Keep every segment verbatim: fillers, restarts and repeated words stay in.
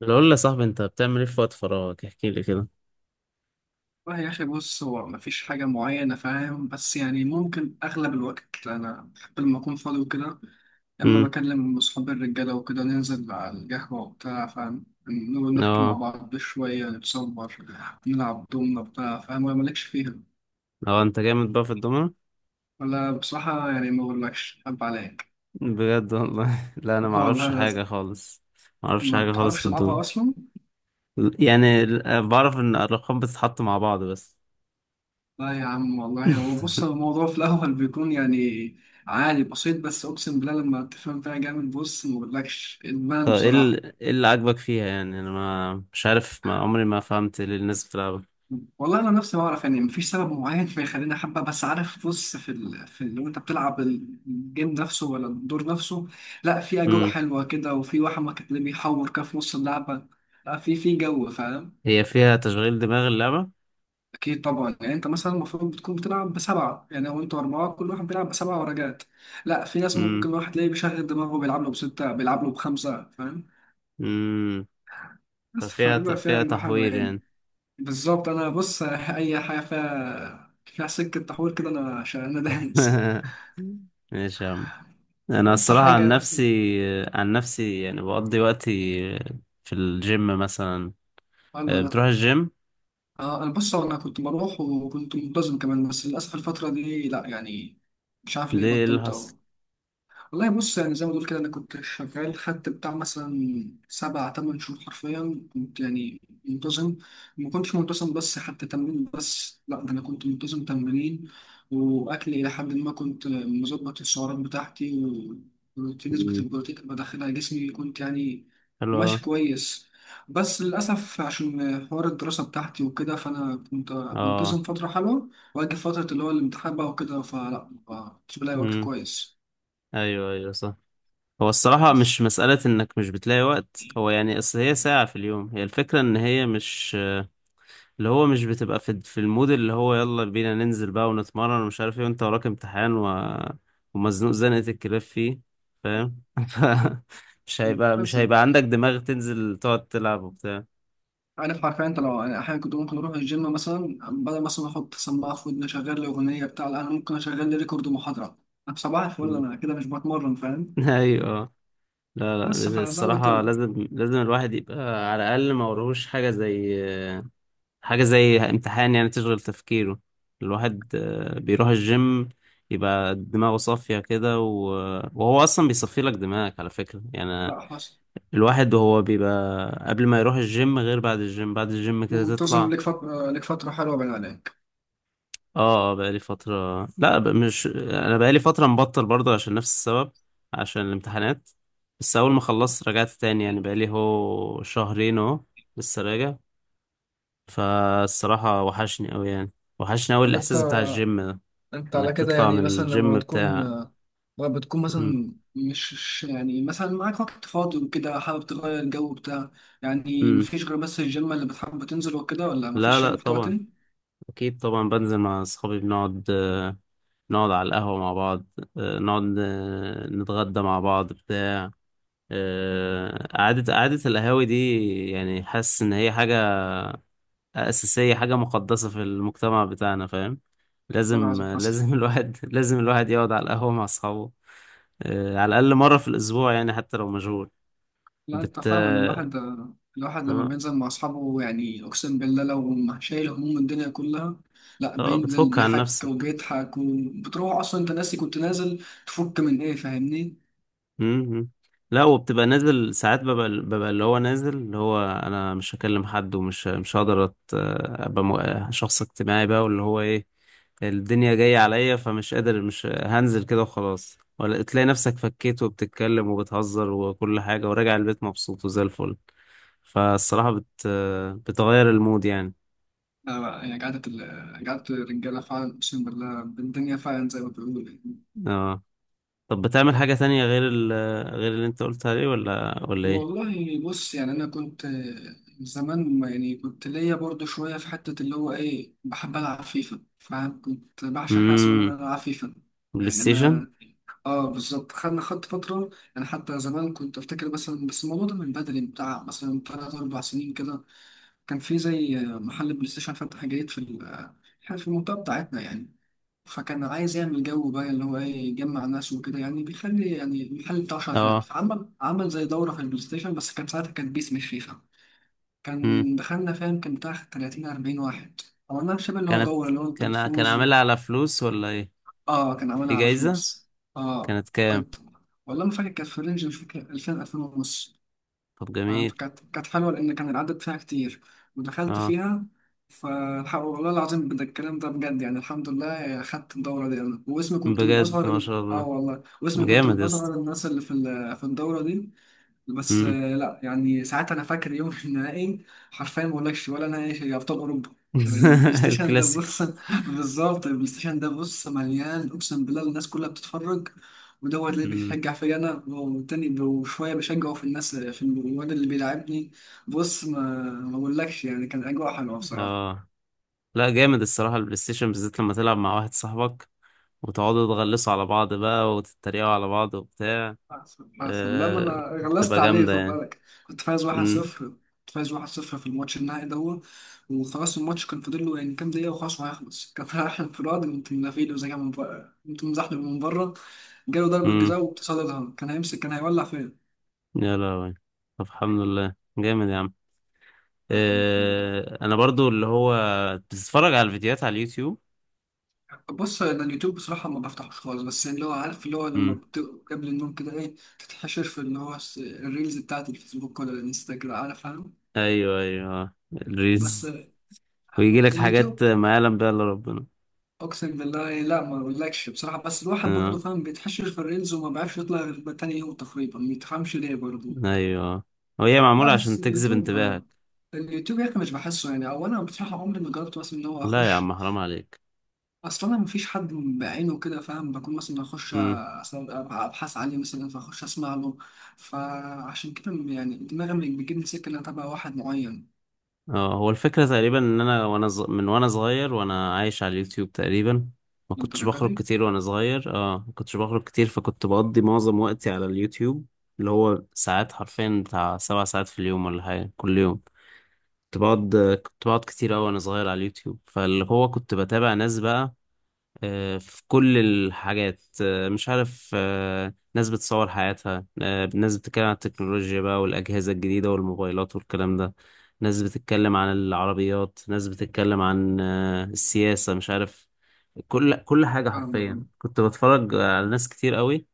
لو قول لي يا صاحبي انت بتعمل ايه في وقت فراغك؟ احكي لي كده. والله يا أخي، بص، هو مفيش حاجة معينة فاهم. بس يعني ممكن أغلب الوقت أنا بحب لما أكون فاضي وكده، يا إما امم بكلم أصحابي الرجالة وكده، ننزل على القهوة وبتاع فاهم، نقعد نحكي مع اه، بعض شوية، نتصور، نلعب دومنا بتاع فاهم. ولا مالكش فيها؟ اه، انت جامد بقى في الدومنة. ولا بصراحة يعني ما أقولكش أحب عليك. بجد والله. لا، انا ما والله اعرفش حاجه لازم. خالص. ما اعرفش ما حاجه خالص بتعرفش في تلعبها الدومنة. أصلا. يعني ال- آه، بعرف ان الارقام بتتحط مع بعض بس. لا يا عم، والله هو بص هو الموضوع في الأول بيكون يعني عادي بسيط، بس أقسم بالله لما تفهم فيها جامد، بص ما بقولكش طب إدمان ايه بصراحة. ال- ايه اللي عاجبك فيها؟ يعني انا ما مش عارف، ما عمري ما فهمت ليه الناس بتلعبها. والله أنا نفسي ما أعرف، يعني مفيش سبب معين فيخليني أحبها. بس عارف، بص، في ال... في ال... لو أنت بتلعب الجيم نفسه ولا الدور نفسه، لا، في أجواء امم حلوة كده، وفي واحد ما كان بيحور كده في نص اللعبة. لا، في في جو فاهم. هي فيها تشغيل دماغ اللعبة؟ أكيد طبعا، يعني أنت مثلا المفروض بتكون بتلعب بسبعة. يعني هو أنتوا أربعة، كل واحد بيلعب بسبعة ورقات. لا، في ناس امم ممكن واحد تلاقيه بيشغل دماغه بيلعب له بستة، بيلعب له بخمسة فاهم. امم بس ففيها ت- فبيبقى فيها فيها أجواء حلوة تحوير يعني. يعني. بالظبط. أنا بص، أي حاجة فيها فيها سكة تحويل كده، أنا عشان أنا دايس. ماشي يا عم. انا بس الصراحه عن حاجة مثلا نفسي، عن نفسي يعني بقضي وقتي في الجيم مثلا. حلوة آه، ده. بتروح الجيم؟ آه، أنا بص، هو أنا كنت بروح وكنت منتظم كمان، بس للأسف الفترة دي لا يعني، مش عارف ليه ليه؟ إيه اللي بطلت حصل؟ أهو. والله بص، يعني زي ما تقول كده، انا كنت شغال، خدت بتاع مثلا سبع تمن شهور حرفيا كنت يعني منتظم. ما كنتش منتظم بس حتى تمرين، بس لا ده انا كنت منتظم تمرين واكلي، الى حد ما كنت مظبط السعرات بتاعتي، وفي نسبة مم. البروتين اللي بدخلها جسمي، كنت يعني حلو أوي. ماشي كويس. بس للأسف عشان حوار الدراسة بتاعتي وكده، فأنا كنت اه. منتظم فترة حلوة، وأجي فترة اللي هو الامتحان بقى وكده فلا، ما كنتش بلاقي وقت امم. كويس. ايوه، ايوه، صح. هو الصراحه بس مش مساله انك مش بتلاقي وقت، هو يعني اصل هي ساعه في اليوم، هي الفكره ان هي مش اللي هو، مش بتبقى في في المود اللي هو يلا بينا ننزل بقى ونتمرن ومش عارف ايه، وانت وراك امتحان و... ومزنوق زنقة الكلاب فيه، فاهم؟ ف- مش هيبقى مش حسن. هيبقى عندك دماغ تنزل تقعد تلعب وبتاع. عارف، حرفيا انت، لو انا احيانا كنت ممكن اروح الجيم مثلا، بدل مثلا احط سماعه في ودني اشغل لي اغنيه بتاع، لا، انا ممكن اشغل لي ريكورد محاضره. انا صباح الفل، مم. انا كده مش بتمرن فاهم. ايوه. لا، بس لا، فانا زي ما قلت الصراحة لك. لازم لازم الواحد يبقى على الأقل ما وراهوش حاجة، زي حاجة زي امتحان يعني تشغل تفكيره. الواحد آه، بيروح الجيم يبقى دماغه صافية كده، و... وهو أصلا بيصفي لك دماغك على فكرة يعني. لا حصل. الواحد وهو بيبقى قبل ما يروح الجيم غير بعد الجيم بعد الجيم كده منتظم تطلع. لك فتره لك فتره حلوه بين عليك. اه، اه، بقالي فترة، لا ب- مش، انا بقالي فترة مبطل برضه عشان نفس السبب، عشان الامتحانات. بس اول ما خلصت رجعت تاني، يعني بقالي هو شهرين اهو، لسه راجع. فالصراحة وحشني اوي يعني، وحشني اوي طب انت الاحساس بتاع الجيم ده، انت على انك كده تطلع من يعني مثلا لما الجيم تكون، بتاع. لما بتكون م- مثلا مش مش- يعني مثلا معاك وقت فاضي وكده، حابب تغير الجو بتاع، يعني م. مفيش غير بس الجيم اللي بتحب تنزل وكده؟ ولا لا، مفيش لا، يعني محتوى طبعا، تاني؟ اكيد طبعا بنزل مع اصحابي، بنقعد، نقعد على القهوة مع بعض، آه، نقعد، آه، نتغدى مع بعض بتاع، آه، قعدة، قعدة القهاوي دي. يعني حاسس إن هي حاجة أساسية، حاجة مقدسة في المجتمع بتاعنا، فاهم؟ ولا عايز لازم، حصل. لازم، الواحد لازم الواحد يقعد على القهوة مع أصحابه، آه، على الأقل مرة في الأسبوع يعني حتى لو مشغول. لا بت انت فعلا، آه الواحد الواحد لما بينزل مع اصحابه، يعني اقسم بالله لو ما شايل هموم الدنيا كلها. لا، آه، بينزل بتفك عن بيحك نفسك. وبيضحك، وبتروح اصلا انت ناسي كنت نازل تفك من ايه، فاهمني؟ مم. لا، وبتبقى نازل ساعات، ببقى ببقى اللي هو نازل، اللي هو انا مش هكلم حد، ومش مش هقدر أت- ابقى مو- شخص اجتماعي بقى، واللي هو ايه، الدنيا جاية عليا، فمش قادر، مش هنزل كده وخلاص. ولا تلاقي نفسك فكيت وبتتكلم وبتهزر وكل حاجة وراجع البيت مبسوط وزي الفل. فالصراحة بت بتغير المود يعني. لا لا، يعني قعدة ال- قعدة الرجالة فعلا، اقسم بالله الدنيا فعلا زي ما بيقولوا يعني. اه. طب بتعمل حاجة تانية غير ال غير اللي انت قلت عليه، ولا ولا ايه؟ والله بص، يعني انا كنت زمان ما- يعني كنت ليا برضو شويه في حته اللي هو ايه، بحب العب فيفا، فكنت بعشق حاجه اسمها ان امم انا العب فيفا. بلاي يعني ستيشن؟ انا، اه بالظبط، خدنا خدت فتره. انا حتى زمان كنت افتكر مثلا، بس الموضوع ده من بدري بتاع مثلا ثلاث اربع سنين كده، كان في زي محل بلاي ستيشن فتح جديد في ال- إحنا في المنطقة بتاعتنا يعني. فكان عايز يعمل جو بقى، اللي هو ايه، يجمع ناس وكده، يعني بيخلي يعني المحل بتاعه شغال، اه، فعمل عمل زي دورة في البلاي ستيشن، بس كان ساعتها كان بيس مش فيفا. كان دخلنا فاهم، كان بتاع تلاتين أربعين واحد. عملناها شبه اللي هو كانت دورة، اللي هو انت كان كان تفوز و... عاملها على فلوس ولا ايه؟ اه كان في عملها على جايزة؟ فلوس. اه كانت كام؟ كنت. والله ما فاكر، كانت في رينج مش فاكر، ألفين ألفين ونص. طب آه، جميل. فكانت كانت حلوة لأن كان العدد فيها كتير، ودخلت اه، فيها. فالحق والله العظيم بجد، الكلام ده بجد يعني، الحمد لله خدت الدورة دي. أنا واسمي كنت من بجد أصغر ما ال- شاء آه الله، والله واسمي كنت جامد من يا اسطى. أصغر الناس اللي في ال- في الدورة دي. بس مم. آه، لا يعني ساعات انا فاكر يوم في النهائي، حرفيا ما اقولكش، ولا نهائي في ابطال اوروبا. يعني البلاي ستيشن ده الكلاسيكو. بص، بالظبط، البلاي ستيشن ده بص مليان، اقسم بالله الناس كلها بتتفرج، ودوت اللي مم. بيشجع فيا انا، والتاني وشويه بشجعه في الناس في الواد اللي بيلعبني. بص، ما ما اقولكش، يعني كان اجواء حلوه بصراحه. اه. لا، جامد الصراحة البلاي ستيشن، بالذات لما تلعب مع واحد صاحبك وتقعدوا تغلسوا على بعض بقى وتتريقوا على بعض وبتاع. أحسن أحسن لما آه أنا غلست بتبقى عليه، جامدة خد يعني. بالك، كنت فايز مم. واحد صفر. كنت فايز واحد صفر في الماتش النهائي ده. وخلاص الماتش كان فاضل له يعني كام دقيقة وخلاص وهيخلص، كان رايح انفراد، قمت منافيله زي ما من بره، قمت مزحلق من بره، جاله ضربة مم. جزاء واتصدتها، كان هيمسك كان هيولع فين. يا لهوي. طب الحمد لله، جامد يا عم. يعني الحمد لله. آه انا برضو اللي هو بتتفرج على الفيديوهات على اليوتيوب. بص أنا اليوتيوب بصراحة ما بفتحوش خالص، بس يعني اللي هو عارف، اللي هو لما مم. بت... قبل النوم كده إيه، تتحشر في اللي هو الس- الريلز بتاعت الفيسبوك ولا الانستجرام، عارف فاهم. ايوه، ايوه، اه. بس الريز. ويجي لك حاجات اليوتيوب، ما يعلم بها الا ربنا. اقسم بالله لا، ما اقولكش بصراحه، بس الواحد آه. برضه فاهم بيتحشر في الريلز وما بيعرفش يطلع غير تاني يوم تقريبا، ما تفهمش ليه برضه. ايوه، وهي لا معموله بس عشان تجذب اليوتيوب انتباهك. اليوتيوب يا اخي مش بحسه يعني، او انا بصراحه عمري ما جربت مثلا ان هو لا يا اخش. عم، حرام عليك. اصلا انا مفيش حد بعينه كده فاهم، بكون مثلا اخش مم. اصلا ابحث عليه مثلا، فاخش اسمع له. فعشان كده يعني، دماغي بتجيبني سكه ان انا اتابع واحد معين اه، هو الفكره تقريبا ان انا، وانا ز... من وانا صغير وانا عايش على اليوتيوب تقريبا. ما كنتش للدرجه بخرج دي كتير وانا صغير، اه ما كنتش بخرج كتير، فكنت بقضي معظم وقتي على اليوتيوب، اللي هو ساعات حرفيا بتاع سبع ساعات في اليوم ولا حاجه كل يوم. كنت بقعد كنت بقعد كتير أوي وأنا صغير على اليوتيوب، فاللي هو كنت بتابع ناس بقى، آه، في كل الحاجات، آه، مش عارف، آه، ناس بتصور حياتها، آه، ناس بتتكلم عن التكنولوجيا بقى والأجهزة الجديدة والموبايلات والكلام ده، ناس بتتكلم عن العربيات، ناس بتتكلم عن آه، السياسة، مش عارف، كل كل حاجة حرفيا فاهم. كنت بتفرج على ناس كتير قوي.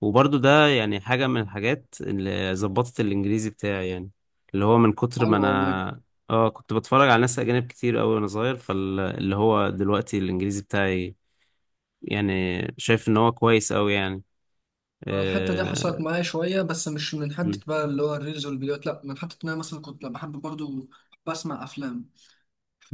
وبرضو ده يعني حاجة من الحاجات اللي ظبطت الإنجليزي بتاعي يعني، اللي هو من كتر ما حلو والله. أنا، اه، كنت بتفرج على ناس أجانب كتير قوي وأنا صغير، فاللي هو دلوقتي الإنجليزي بتاعي يعني شايف ان هو كويس قوي يعني. الحتة دي آه، حصلت معايا شوية، بس مش من حتة بقى اللي هو الريلز والفيديوهات، لأ، من حتة إن أنا مثلا كنت بحب برضو بسمع أفلام.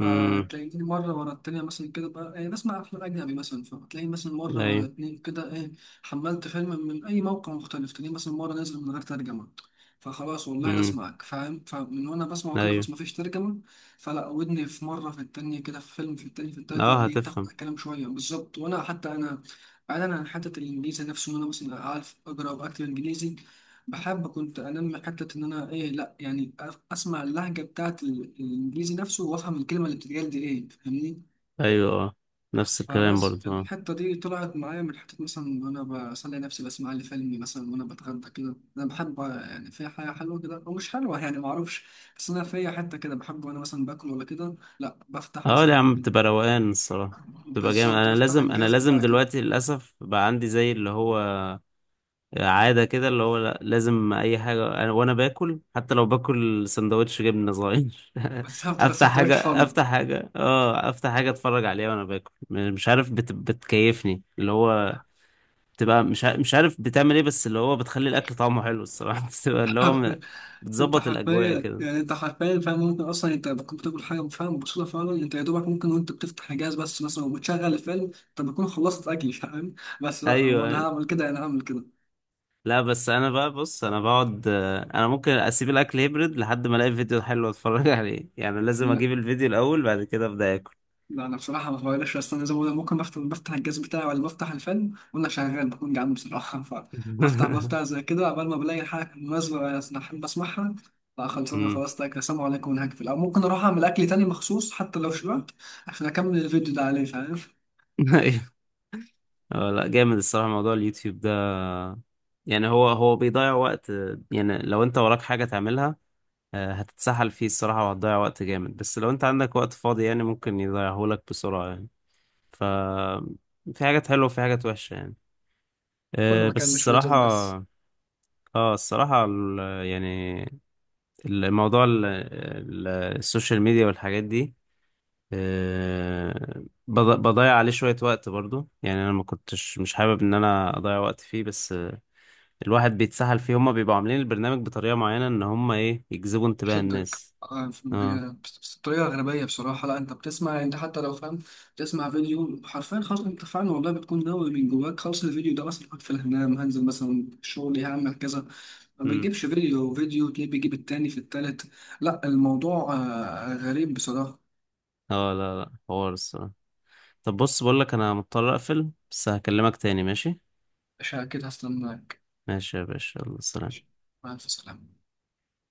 امم، مرة ورا التانية مثلا كده بقى، يعني بسمع أفلام أجنبي مثلا، فتلاقيني مثلا مرة ورا ايوه. اتنين كده إيه، حملت فيلم من أي موقع مختلف، تلاقيني مثلا مرة نازل من غير ترجمة. فخلاص والله لا امم، أسمعك فاهم، فمن وأنا بسمعه كده ايوه. خلاص مفيش ترجمة، فلا ودني في مرة في التانية كده، في فيلم في التاني في التالت، لا اه، بيتاخد هتفهم. الكلام شوية بالظبط. وأنا حتى أنا، بعيدا عن حتة الإنجليزي نفسه إن أنا مثلا عارف أقرأ وأكتب إنجليزي، بحب كنت انمي حته ان انا ايه، لا يعني أف- اسمع اللهجه بتاعت ال- الانجليزي نفسه وافهم الكلمه اللي بتتقال دي ايه، فاهمني. ايوه، اه، نفس الكلام فبس برضو، اه. الحته دي طلعت معايا من حته مثلا وانا بسلي نفسي، بسمع لي فيلم مثلا وانا بتغدى كده. انا بحب يعني، في حاجه حلوه كده او مش حلوه يعني ما اعرفش، بس انا في حته كده بحب وانا مثلا باكل ولا كده، لا بفتح اه يا عم، مثلا. بتبقى روقان الصراحه، بتبقى جامد. بالظبط، انا افتح لازم انا الجهاز لازم بتاعك كده. دلوقتي للاسف بقى عندي زي اللي هو عاده كده، اللي هو لا، لازم اي حاجه أنا وانا باكل، حتى لو باكل سندوتش جبنه صغير. بالظبط، بس افتح ما حاجه تقعدش فاضي. افتح حاجه اه افتح حاجه اتفرج عليها وانا باكل، مش عارف، بت... بتكيفني اللي هو، بتبقى مش ع- مش عارف بتعمل ايه، بس اللي هو بتخلي الاكل طعمه حلو الصراحه. بتبقى اللي هو م- انت بتظبط الاجواء حرفيا كده. يعني، انت حرفيا فاهم، ممكن اصلا انت بتكون بتاكل حاجه فاهم بسيطه فعلا، انت يا دوبك ممكن وانت بتفتح الجهاز بس مثلا وبتشغل الفيلم، انت بتكون خلصت اكل فاهم. بس لا، هو ايوه، انا أيوة. هعمل كده، انا هعمل كده. لا بس انا بقى، بص انا بقعد، آه، انا ممكن اسيب الاكل هيبرد لحد ما الاقي فيديو حلو اتفرج عليه، يعني لازم لا اجيب الفيديو الاول بعد كده ابدا اكل. لا، انا بصراحه ما بغيرش، بس انا زي ما بقول لك، ممكن بفتح بفتح الجهاز بتاعي ولا بفتح الفيلم وانا شغال بكون جعان بصراحه. فبفتح بفتح زي كده قبل ما بلاقي حاجه مناسبه انا احب اسمعها. لا خلاص انا أمم. خلاص تاكل، السلام عليكم ونهكفل، او ممكن اروح اعمل اكل تاني مخصوص حتى لو شبعت، عشان اكمل الفيديو ده عليه فاهم. ايوه. آه، لا جامد الصراحه موضوع اليوتيوب ده، يعني هو هو بيضيع وقت، آه، يعني لو انت وراك حاجه تعملها، آه، هتتسحل فيه الصراحه وهتضيع وقت جامد، بس لو انت عندك وقت فاضي يعني ممكن يضيعهولك بسرعه يعني. ف في حاجات حلوة وفي حاجات وحشة يعني. كله آه، بس مكان، مش في اليوتيوب بس. الصراحة، اه، الصراحة ال- يعني الموضوع، ال- ال- السوشيال ميديا والحاجات دي، آه، بض- بضيع عليه شوية وقت برضو يعني. أنا ما كنتش مش حابب إن أنا أضيع وقت فيه، بس آه، الواحد بيتسحل فيه، هما بيبقوا عاملين البرنامج بطريقة معينة إن هما إيه، يجذبوا انتباه شدك الناس. آه، ف- اه. ب- بس- بطريقة غربية بصراحة، لا انت بتسمع، انت حتى لو فاهم، بتسمع فيديو حرفيا خلاص انت فعلا والله بتكون ناوي من جواك خلاص، الفيديو ده مثلا هقعد في الهنام، هنزل مثلا شغلي، هعمل كذا، ما امم. بيجيبش فيديو، فيديو تلاقيه بيجيب التاني في التالت. لا الموضوع آه، غريب بصراحة. اه. لا، لا، حوار الصراحة. طب بص بقولك، أنا مضطر أقفل بس هكلمك تاني، ماشي؟ مش كده، هستناك. ماشي يا باشا، يلا ماشي. سلام. مع السلامة.